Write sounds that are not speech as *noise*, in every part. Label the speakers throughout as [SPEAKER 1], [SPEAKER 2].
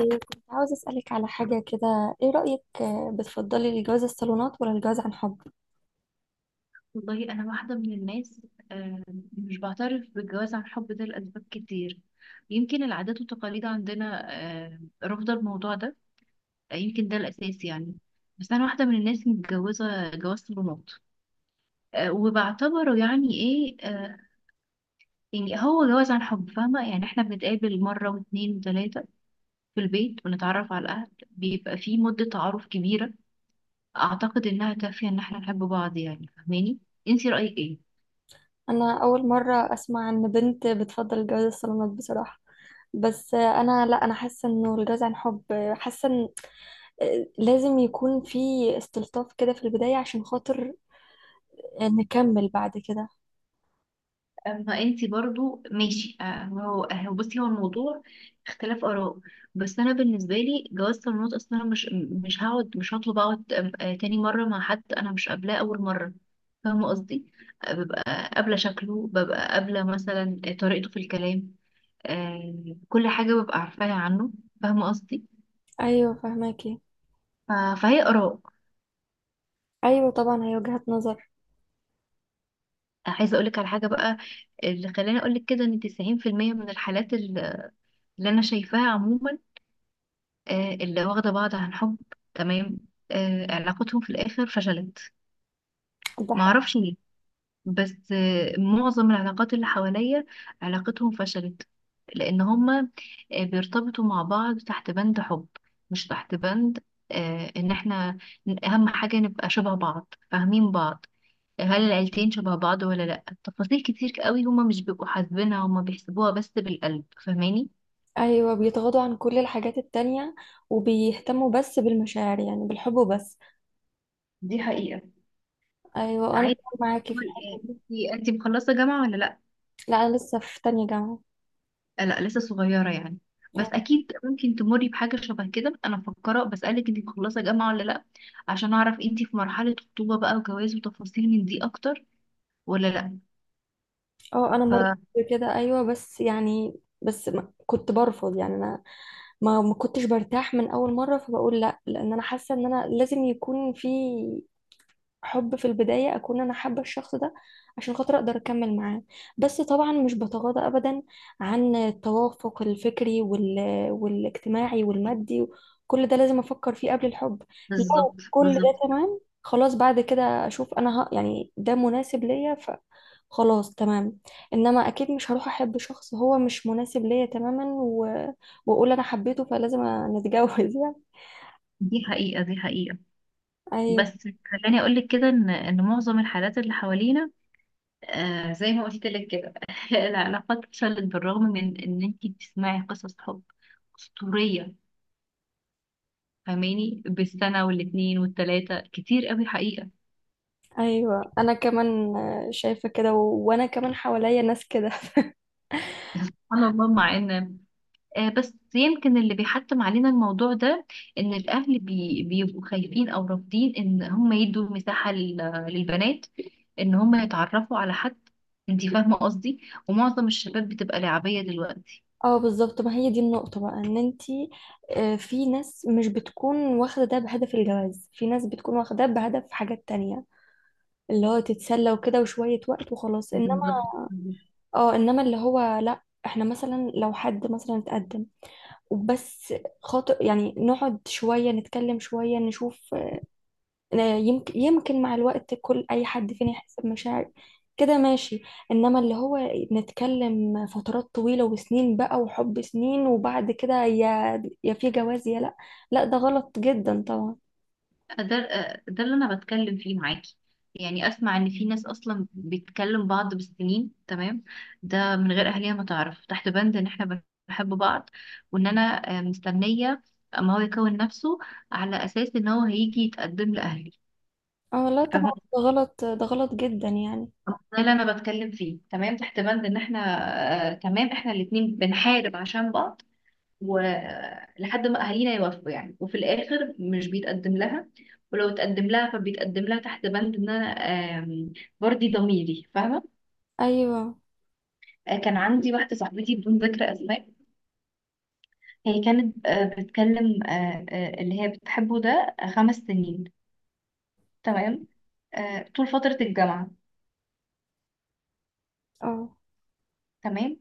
[SPEAKER 1] إيه، كنت عاوز أسألك على حاجة كده. إيه رأيك، بتفضلي الجواز الصالونات ولا الجواز عن حب؟
[SPEAKER 2] والله انا واحده من الناس، آه، مش بعترف بالجواز عن حب ده لاسباب كتير. يمكن العادات والتقاليد عندنا رافضه الموضوع ده. يمكن ده الاساس، يعني بس انا واحده من الناس متجوزه جواز صالونات وبعتبره يعني ايه. يعني هو جواز عن حب، فاهمه؟ يعني احنا بنتقابل مره واثنين وثلاثه في البيت ونتعرف على الاهل، بيبقى في مده تعارف كبيره اعتقد انها كافيه ان احنا نحب بعض. يعني فاهماني؟ انتي رايك ايه؟
[SPEAKER 1] أنا أول مرة أسمع إن بنت بتفضل الجواز الصالونات بصراحة. بس أنا لا أنا حاسة إنه الجواز عن حب، حاسة إن لازم يكون في استلطاف كده في البداية عشان خاطر نكمل بعد كده.
[SPEAKER 2] اما انتي برضو ماشي. هو بصي، هو الموضوع اختلاف اراء. بس انا بالنسبه لي جواز صالونات اصلا، أنا مش هقعد، مش هطلب اقعد تاني مره مع حد انا مش قابلاه اول مره. فاهمه قصدي؟ ببقى قابله شكله، ببقى قابله مثلا طريقته في الكلام. آه، كل حاجه ببقى عارفاها عنه. فاهمه قصدي؟
[SPEAKER 1] أيوة فهماكي.
[SPEAKER 2] ف- فهي اراء.
[SPEAKER 1] أيوة طبعا، هي وجهة نظر.
[SPEAKER 2] عايزه اقولك على حاجه بقى، اللي خلاني اقولك كده ان 90% من الحالات اللي انا شايفاها عموما، اللي واخدة بعض عن حب، تمام، علاقتهم في الآخر فشلت.
[SPEAKER 1] ده حق.
[SPEAKER 2] معرفش ليه، بس معظم العلاقات اللي حواليا علاقتهم فشلت، لأن هما بيرتبطوا مع بعض تحت بند حب، مش تحت بند إن احنا أهم حاجة نبقى شبه بعض فاهمين بعض. هل العيلتين شبه بعض ولا لأ؟ تفاصيل كتير قوي هما مش بيبقوا حاسبينها، هما بيحسبوها بس بالقلب. فاهماني؟
[SPEAKER 1] أيوة، بيتغاضوا عن كل الحاجات التانية وبيهتموا بس بالمشاعر، يعني بالحب وبس.
[SPEAKER 2] دي حقيقة.
[SPEAKER 1] أيوة أنا
[SPEAKER 2] عايز
[SPEAKER 1] معاكي في الحتة دي.
[SPEAKER 2] انتي مخلصة جامعة ولا لأ؟
[SPEAKER 1] لا انا لسه في تانية جامعة.
[SPEAKER 2] لا لسه صغيرة، يعني بس
[SPEAKER 1] اه.
[SPEAKER 2] أكيد ممكن تمري بحاجة شبه كده. أنا مفكرة بسألك أنت مخلصة جامعة ولا لأ، عشان أعرف أنت في مرحلة خطوبة بقى وجواز وتفاصيل من دي أكتر ولا لأ.
[SPEAKER 1] انا مريت كده ايوه، بس يعني بس ما كنت برفض يعني انا، ما كنتش برتاح من اول مرة فبقول لا، لان انا حاسة ان انا لازم يكون في حب في البداية، أكون أنا حابة الشخص ده عشان خاطر أقدر أكمل معاه. بس طبعا مش بتغاضى أبدا عن التوافق الفكري والاجتماعي والمادي، كل ده لازم أفكر فيه قبل الحب. لو
[SPEAKER 2] فبالظبط،
[SPEAKER 1] كل ده
[SPEAKER 2] بالظبط.
[SPEAKER 1] تمام، خلاص بعد كده أشوف أنا يعني ده مناسب ليا ف خلاص تمام. انما اكيد مش هروح احب شخص هو مش مناسب ليا تماما واقول انا حبيته فلازم نتجوز يعني.
[SPEAKER 2] دي حقيقة، دي حقيقة.
[SPEAKER 1] أيوه
[SPEAKER 2] بس خلاني أقولك كده إن معظم الحالات اللي حوالينا، آه زي ما قلت لك كده *laughs* العلاقات فشلت بالرغم من إن أنت بتسمعي قصص حب أسطورية. فاهماني؟ بالسنة والاتنين والتلاتة كتير قوي حقيقة.
[SPEAKER 1] ايوه، انا كمان شايفه كده وانا كمان حواليا ناس كده *laughs*
[SPEAKER 2] *laughs* سبحان الله، مع ان بس يمكن اللي بيحتم علينا الموضوع ده ان الاهل بيبقوا خايفين او رافضين ان هم يدوا مساحة للبنات ان هم يتعرفوا على حد. انتي فاهمة قصدي؟ ومعظم الشباب بتبقى لعبية دلوقتي.
[SPEAKER 1] اه بالظبط، ما هي دي النقطه بقى، ان انتي في ناس مش بتكون واخده ده بهدف الجواز، في ناس بتكون واخده ده بهدف حاجات تانية، اللي هو تتسلى وكده وشويه وقت وخلاص. انما
[SPEAKER 2] بالظبط.
[SPEAKER 1] اه، انما اللي هو لا، احنا مثلا لو حد مثلا اتقدم وبس خاطر يعني نقعد شويه نتكلم شويه نشوف، يمكن مع الوقت كل اي حد فينا يحس بمشاعر كده ماشي. انما اللي هو نتكلم فترات طويلة وسنين بقى، وحب سنين، وبعد كده يا في جواز يا لا، لا ده غلط جدا طبعا.
[SPEAKER 2] ده ده اللي انا بتكلم فيه معاكي، يعني اسمع ان في ناس اصلا بتكلم بعض بالسنين، تمام، ده من غير اهلها ما تعرف، تحت بند ان احنا بنحب بعض، وان انا مستنيه اما هو يكون نفسه، على اساس ان هو هيجي يتقدم لاهلي.
[SPEAKER 1] اه لا
[SPEAKER 2] فاهمة؟
[SPEAKER 1] طبعا، ده غلط، ده غلط جدا يعني.
[SPEAKER 2] ده اللي انا بتكلم فيه، تمام، تحت بند ان احنا، آه تمام، احنا الاتنين بنحارب عشان بعض ولحد ما اهالينا يوافقوا يعني، وفي الاخر مش بيتقدم لها، ولو اتقدم لها فبيتقدم لها تحت بند ان انا آم، برضي ضميري. فاهمه؟
[SPEAKER 1] ايوه.
[SPEAKER 2] كان عندي واحده صاحبتي بدون ذكر اسماء، هي كانت بتكلم اللي هي بتحبه ده خمس سنين، تمام، طول فتره الجامعه،
[SPEAKER 1] اه.
[SPEAKER 2] تمام.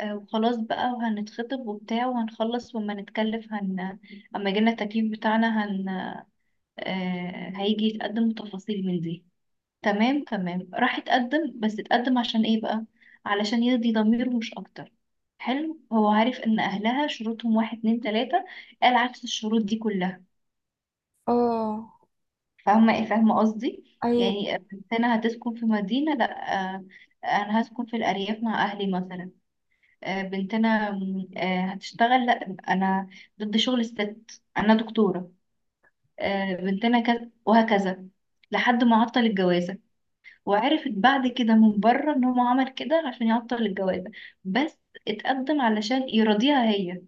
[SPEAKER 2] وخلاص بقى وهنتخطب وبتاع وهنخلص وما نتكلف اما يجيلنا التكليف بتاعنا هيجي يتقدم، تفاصيل من دي، تمام تمام، راح يتقدم، بس اتقدم عشان ايه بقى؟ علشان يرضي ضميره مش اكتر. حلو، هو عارف ان اهلها شروطهم واحد اتنين تلاتة، قال عكس الشروط دي كلها.
[SPEAKER 1] اه.
[SPEAKER 2] فاهمة ايه؟ فاهمة قصدي؟
[SPEAKER 1] ايوه.
[SPEAKER 2] يعني بنتنا هتسكن في مدينة، لا انا هسكن في الارياف مع اهلي مثلا. بنتنا هتشتغل، لا انا ضد شغل الست، انا دكتورة. بنتنا كذا وهكذا، لحد ما عطل الجوازة. وعرفت بعد كده من بره ان هو عمل كده عشان يعطل الجوازة، بس اتقدم علشان يرضيها هي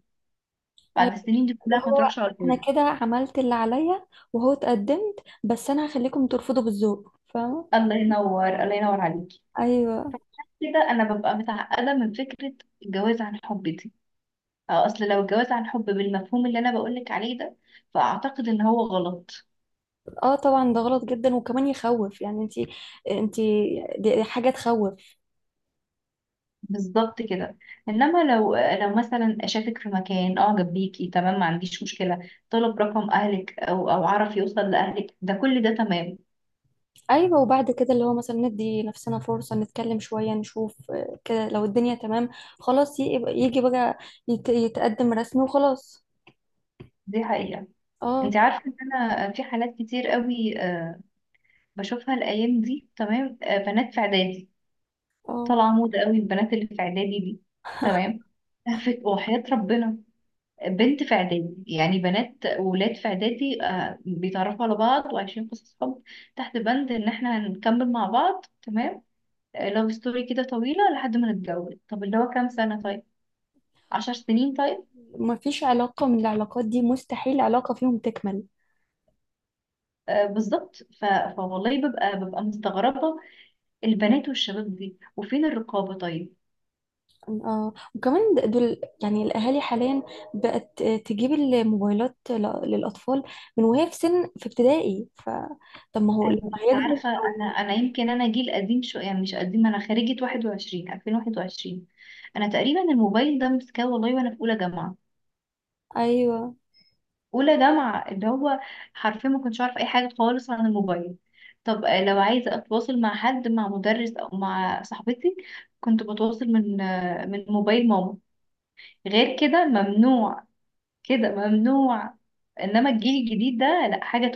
[SPEAKER 2] بعد
[SPEAKER 1] ايوه
[SPEAKER 2] السنين دي
[SPEAKER 1] ده
[SPEAKER 2] كلها ما
[SPEAKER 1] هو،
[SPEAKER 2] تروحش على
[SPEAKER 1] انا
[SPEAKER 2] الفاضي.
[SPEAKER 1] كده عملت اللي عليا وهو اتقدمت، بس انا هخليكم ترفضوا بالذوق. فاهمة؟
[SPEAKER 2] الله ينور، الله ينور عليكي.
[SPEAKER 1] ايوه.
[SPEAKER 2] كده انا ببقى متعقدة من فكرة الجواز عن حب دي. اصل لو الجواز عن حب بالمفهوم اللي انا بقولك عليه ده، فاعتقد ان هو غلط.
[SPEAKER 1] اه طبعا ده غلط جدا، وكمان يخوف يعني. انتي دي حاجة تخوف.
[SPEAKER 2] بالظبط كده. انما لو مثلا شافك في مكان اعجب بيكي، تمام، ما عنديش مشكله طلب رقم اهلك او او عرف يوصل لاهلك، ده كل ده تمام.
[SPEAKER 1] ايوه، وبعد كده اللي هو مثلا ندي نفسنا فرصة نتكلم شوية نشوف كده، لو الدنيا تمام خلاص يجي بقى يتقدم رسمي وخلاص.
[SPEAKER 2] دي حقيقة.
[SPEAKER 1] اه.
[SPEAKER 2] انت عارفه ان انا في حالات كتير قوي بشوفها الايام دي، تمام، بنات في اعدادي،
[SPEAKER 1] اه.
[SPEAKER 2] طالعه موضه قوي البنات اللي في اعدادي دي، تمام. *laughs* وحياه ربنا بنت في اعدادي، يعني بنات وولاد في اعدادي بيتعرفوا على بعض وعايشين قصص حب تحت بند ان احنا هنكمل مع بعض، تمام، لاف ستوري كده طويله لحد ما نتجوز. طب اللي هو كام سنه؟ طيب، عشر سنين؟ طيب،
[SPEAKER 1] مفيش علاقة من العلاقات دي، مستحيل علاقة فيهم تكمل.
[SPEAKER 2] آه بالظبط. ف... فوالله ببقى مستغربة البنات والشباب دي. وفين الرقابة طيب؟
[SPEAKER 1] اه، وكمان دول يعني الأهالي حاليا بقت تجيب الموبايلات للأطفال من وهي في سن في ابتدائي، فطب ما هو لما هيكبر؟
[SPEAKER 2] عارفة، أنا يمكن أنا جيل قديم شوية، يعني مش قديم، أنا خريجة 21 2021. أنا تقريبا الموبايل ده مسكاه والله وأنا في أولى جامعة،
[SPEAKER 1] ايوه.
[SPEAKER 2] أولى جامعة، اللي هو حرفيا ما كنتش أعرف أي حاجة خالص عن الموبايل. طب لو عايزة أتواصل مع حد، مع مدرس أو مع صاحبتي، كنت بتواصل من من موبايل ماما، غير كده ممنوع، كده ممنوع. إنما الجيل الجديد ده لأ، حاجة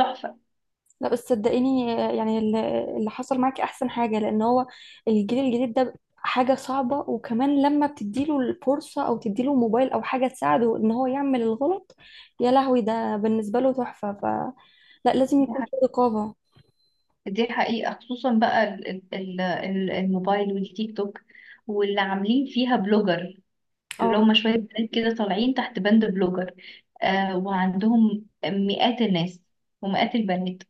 [SPEAKER 1] لا بس صدقيني، يعني اللي حصل معاكي احسن حاجه، لان هو الجيل الجديد ده حاجه صعبه، وكمان لما بتديله الفرصه او تديله موبايل او حاجه تساعده ان هو يعمل الغلط، يا لهوي ده بالنسبه له تحفه. ف لا، لازم يكون
[SPEAKER 2] تحفة.
[SPEAKER 1] في رقابه.
[SPEAKER 2] دي حقيقة، خصوصا بقى الموبايل والتيك توك واللي عاملين فيها بلوجر، اللي
[SPEAKER 1] اه.
[SPEAKER 2] هم شوية بنات كده طالعين تحت بند بلوجر، آه وعندهم مئات الناس ومئات البنات.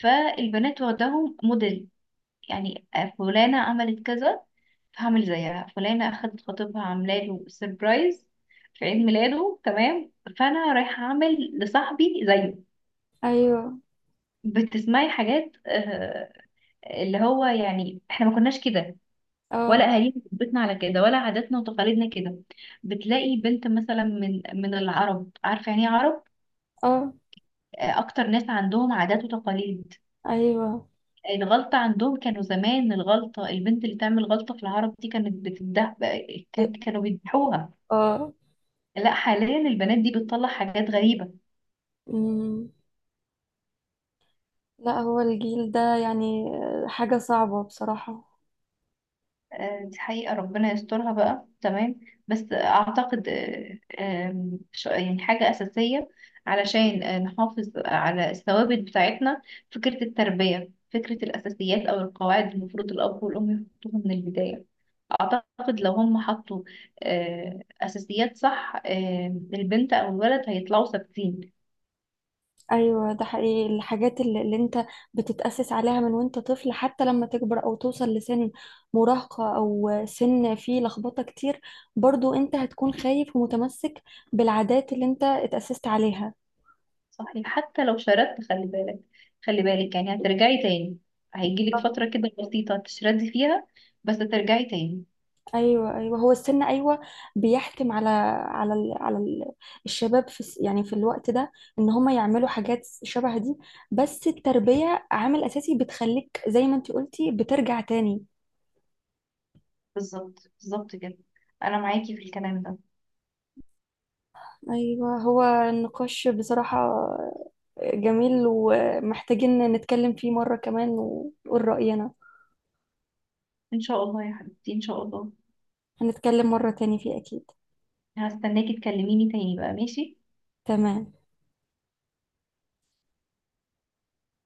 [SPEAKER 2] فالبنات واخداهم موديل، يعني فلانة عملت كذا فهعمل زيها، فلانة أخدت خطيبها عاملة له سربرايز في عيد ميلاده، تمام، فأنا رايحة أعمل لصاحبي زيه.
[SPEAKER 1] ايوه.
[SPEAKER 2] بتسمعي حاجات اللي هو يعني احنا ما كناش كده، ولا
[SPEAKER 1] اه.
[SPEAKER 2] اهالينا ربتنا على كده، ولا عاداتنا وتقاليدنا كده. بتلاقي بنت مثلا من العرب، عارفه يعني ايه عرب؟
[SPEAKER 1] اه.
[SPEAKER 2] اكتر ناس عندهم عادات وتقاليد.
[SPEAKER 1] ايوه.
[SPEAKER 2] الغلطه عندهم، كانوا زمان الغلطه البنت اللي تعمل غلطه في العرب دي كانت بتده، كانوا بيذبحوها.
[SPEAKER 1] اه.
[SPEAKER 2] لا حاليا البنات دي بتطلع حاجات غريبه.
[SPEAKER 1] أمم. لا هو الجيل ده يعني حاجه صعبه بصراحه.
[SPEAKER 2] دي حقيقة، ربنا يسترها بقى، تمام. بس أعتقد يعني حاجة أساسية علشان نحافظ على الثوابت بتاعتنا، فكرة التربية، فكرة الأساسيات أو القواعد المفروض الأب والأم يحطوها من البداية. أعتقد لو هم حطوا أساسيات صح، البنت أو الولد هيطلعوا ثابتين.
[SPEAKER 1] ايوه ده حقيقي، الحاجات اللي, اللي انت بتتأسس عليها من وانت طفل، حتى لما تكبر او توصل لسن مراهقة او سن فيه لخبطة كتير، برضو انت هتكون خايف ومتمسك بالعادات اللي انت اتأسست عليها.
[SPEAKER 2] صحيح، حتى لو شردت، خلي بالك، خلي بالك، يعني هترجعي تاني. هيجيلك فترة كده بسيطة تشردي فيها، بس ترجعي تاني.
[SPEAKER 1] ايوه ايوه، هو السن ايوه بيحتم على على ال الشباب في يعني في الوقت ده ان هم يعملوا حاجات شبه دي، بس التربية عامل اساسي بتخليك زي ما انت قلتي بترجع تاني.
[SPEAKER 2] بالظبط، بالظبط كده، انا معاكي في الكلام ده.
[SPEAKER 1] ايوه هو النقاش بصراحة جميل، ومحتاجين نتكلم فيه مرة كمان ونقول رأينا.
[SPEAKER 2] ان شاء الله يا حبيبتي، ان شاء الله.
[SPEAKER 1] هنتكلم مرة تاني فيه أكيد.
[SPEAKER 2] هستناكي تكلميني تاني بقى، ماشي.
[SPEAKER 1] تمام.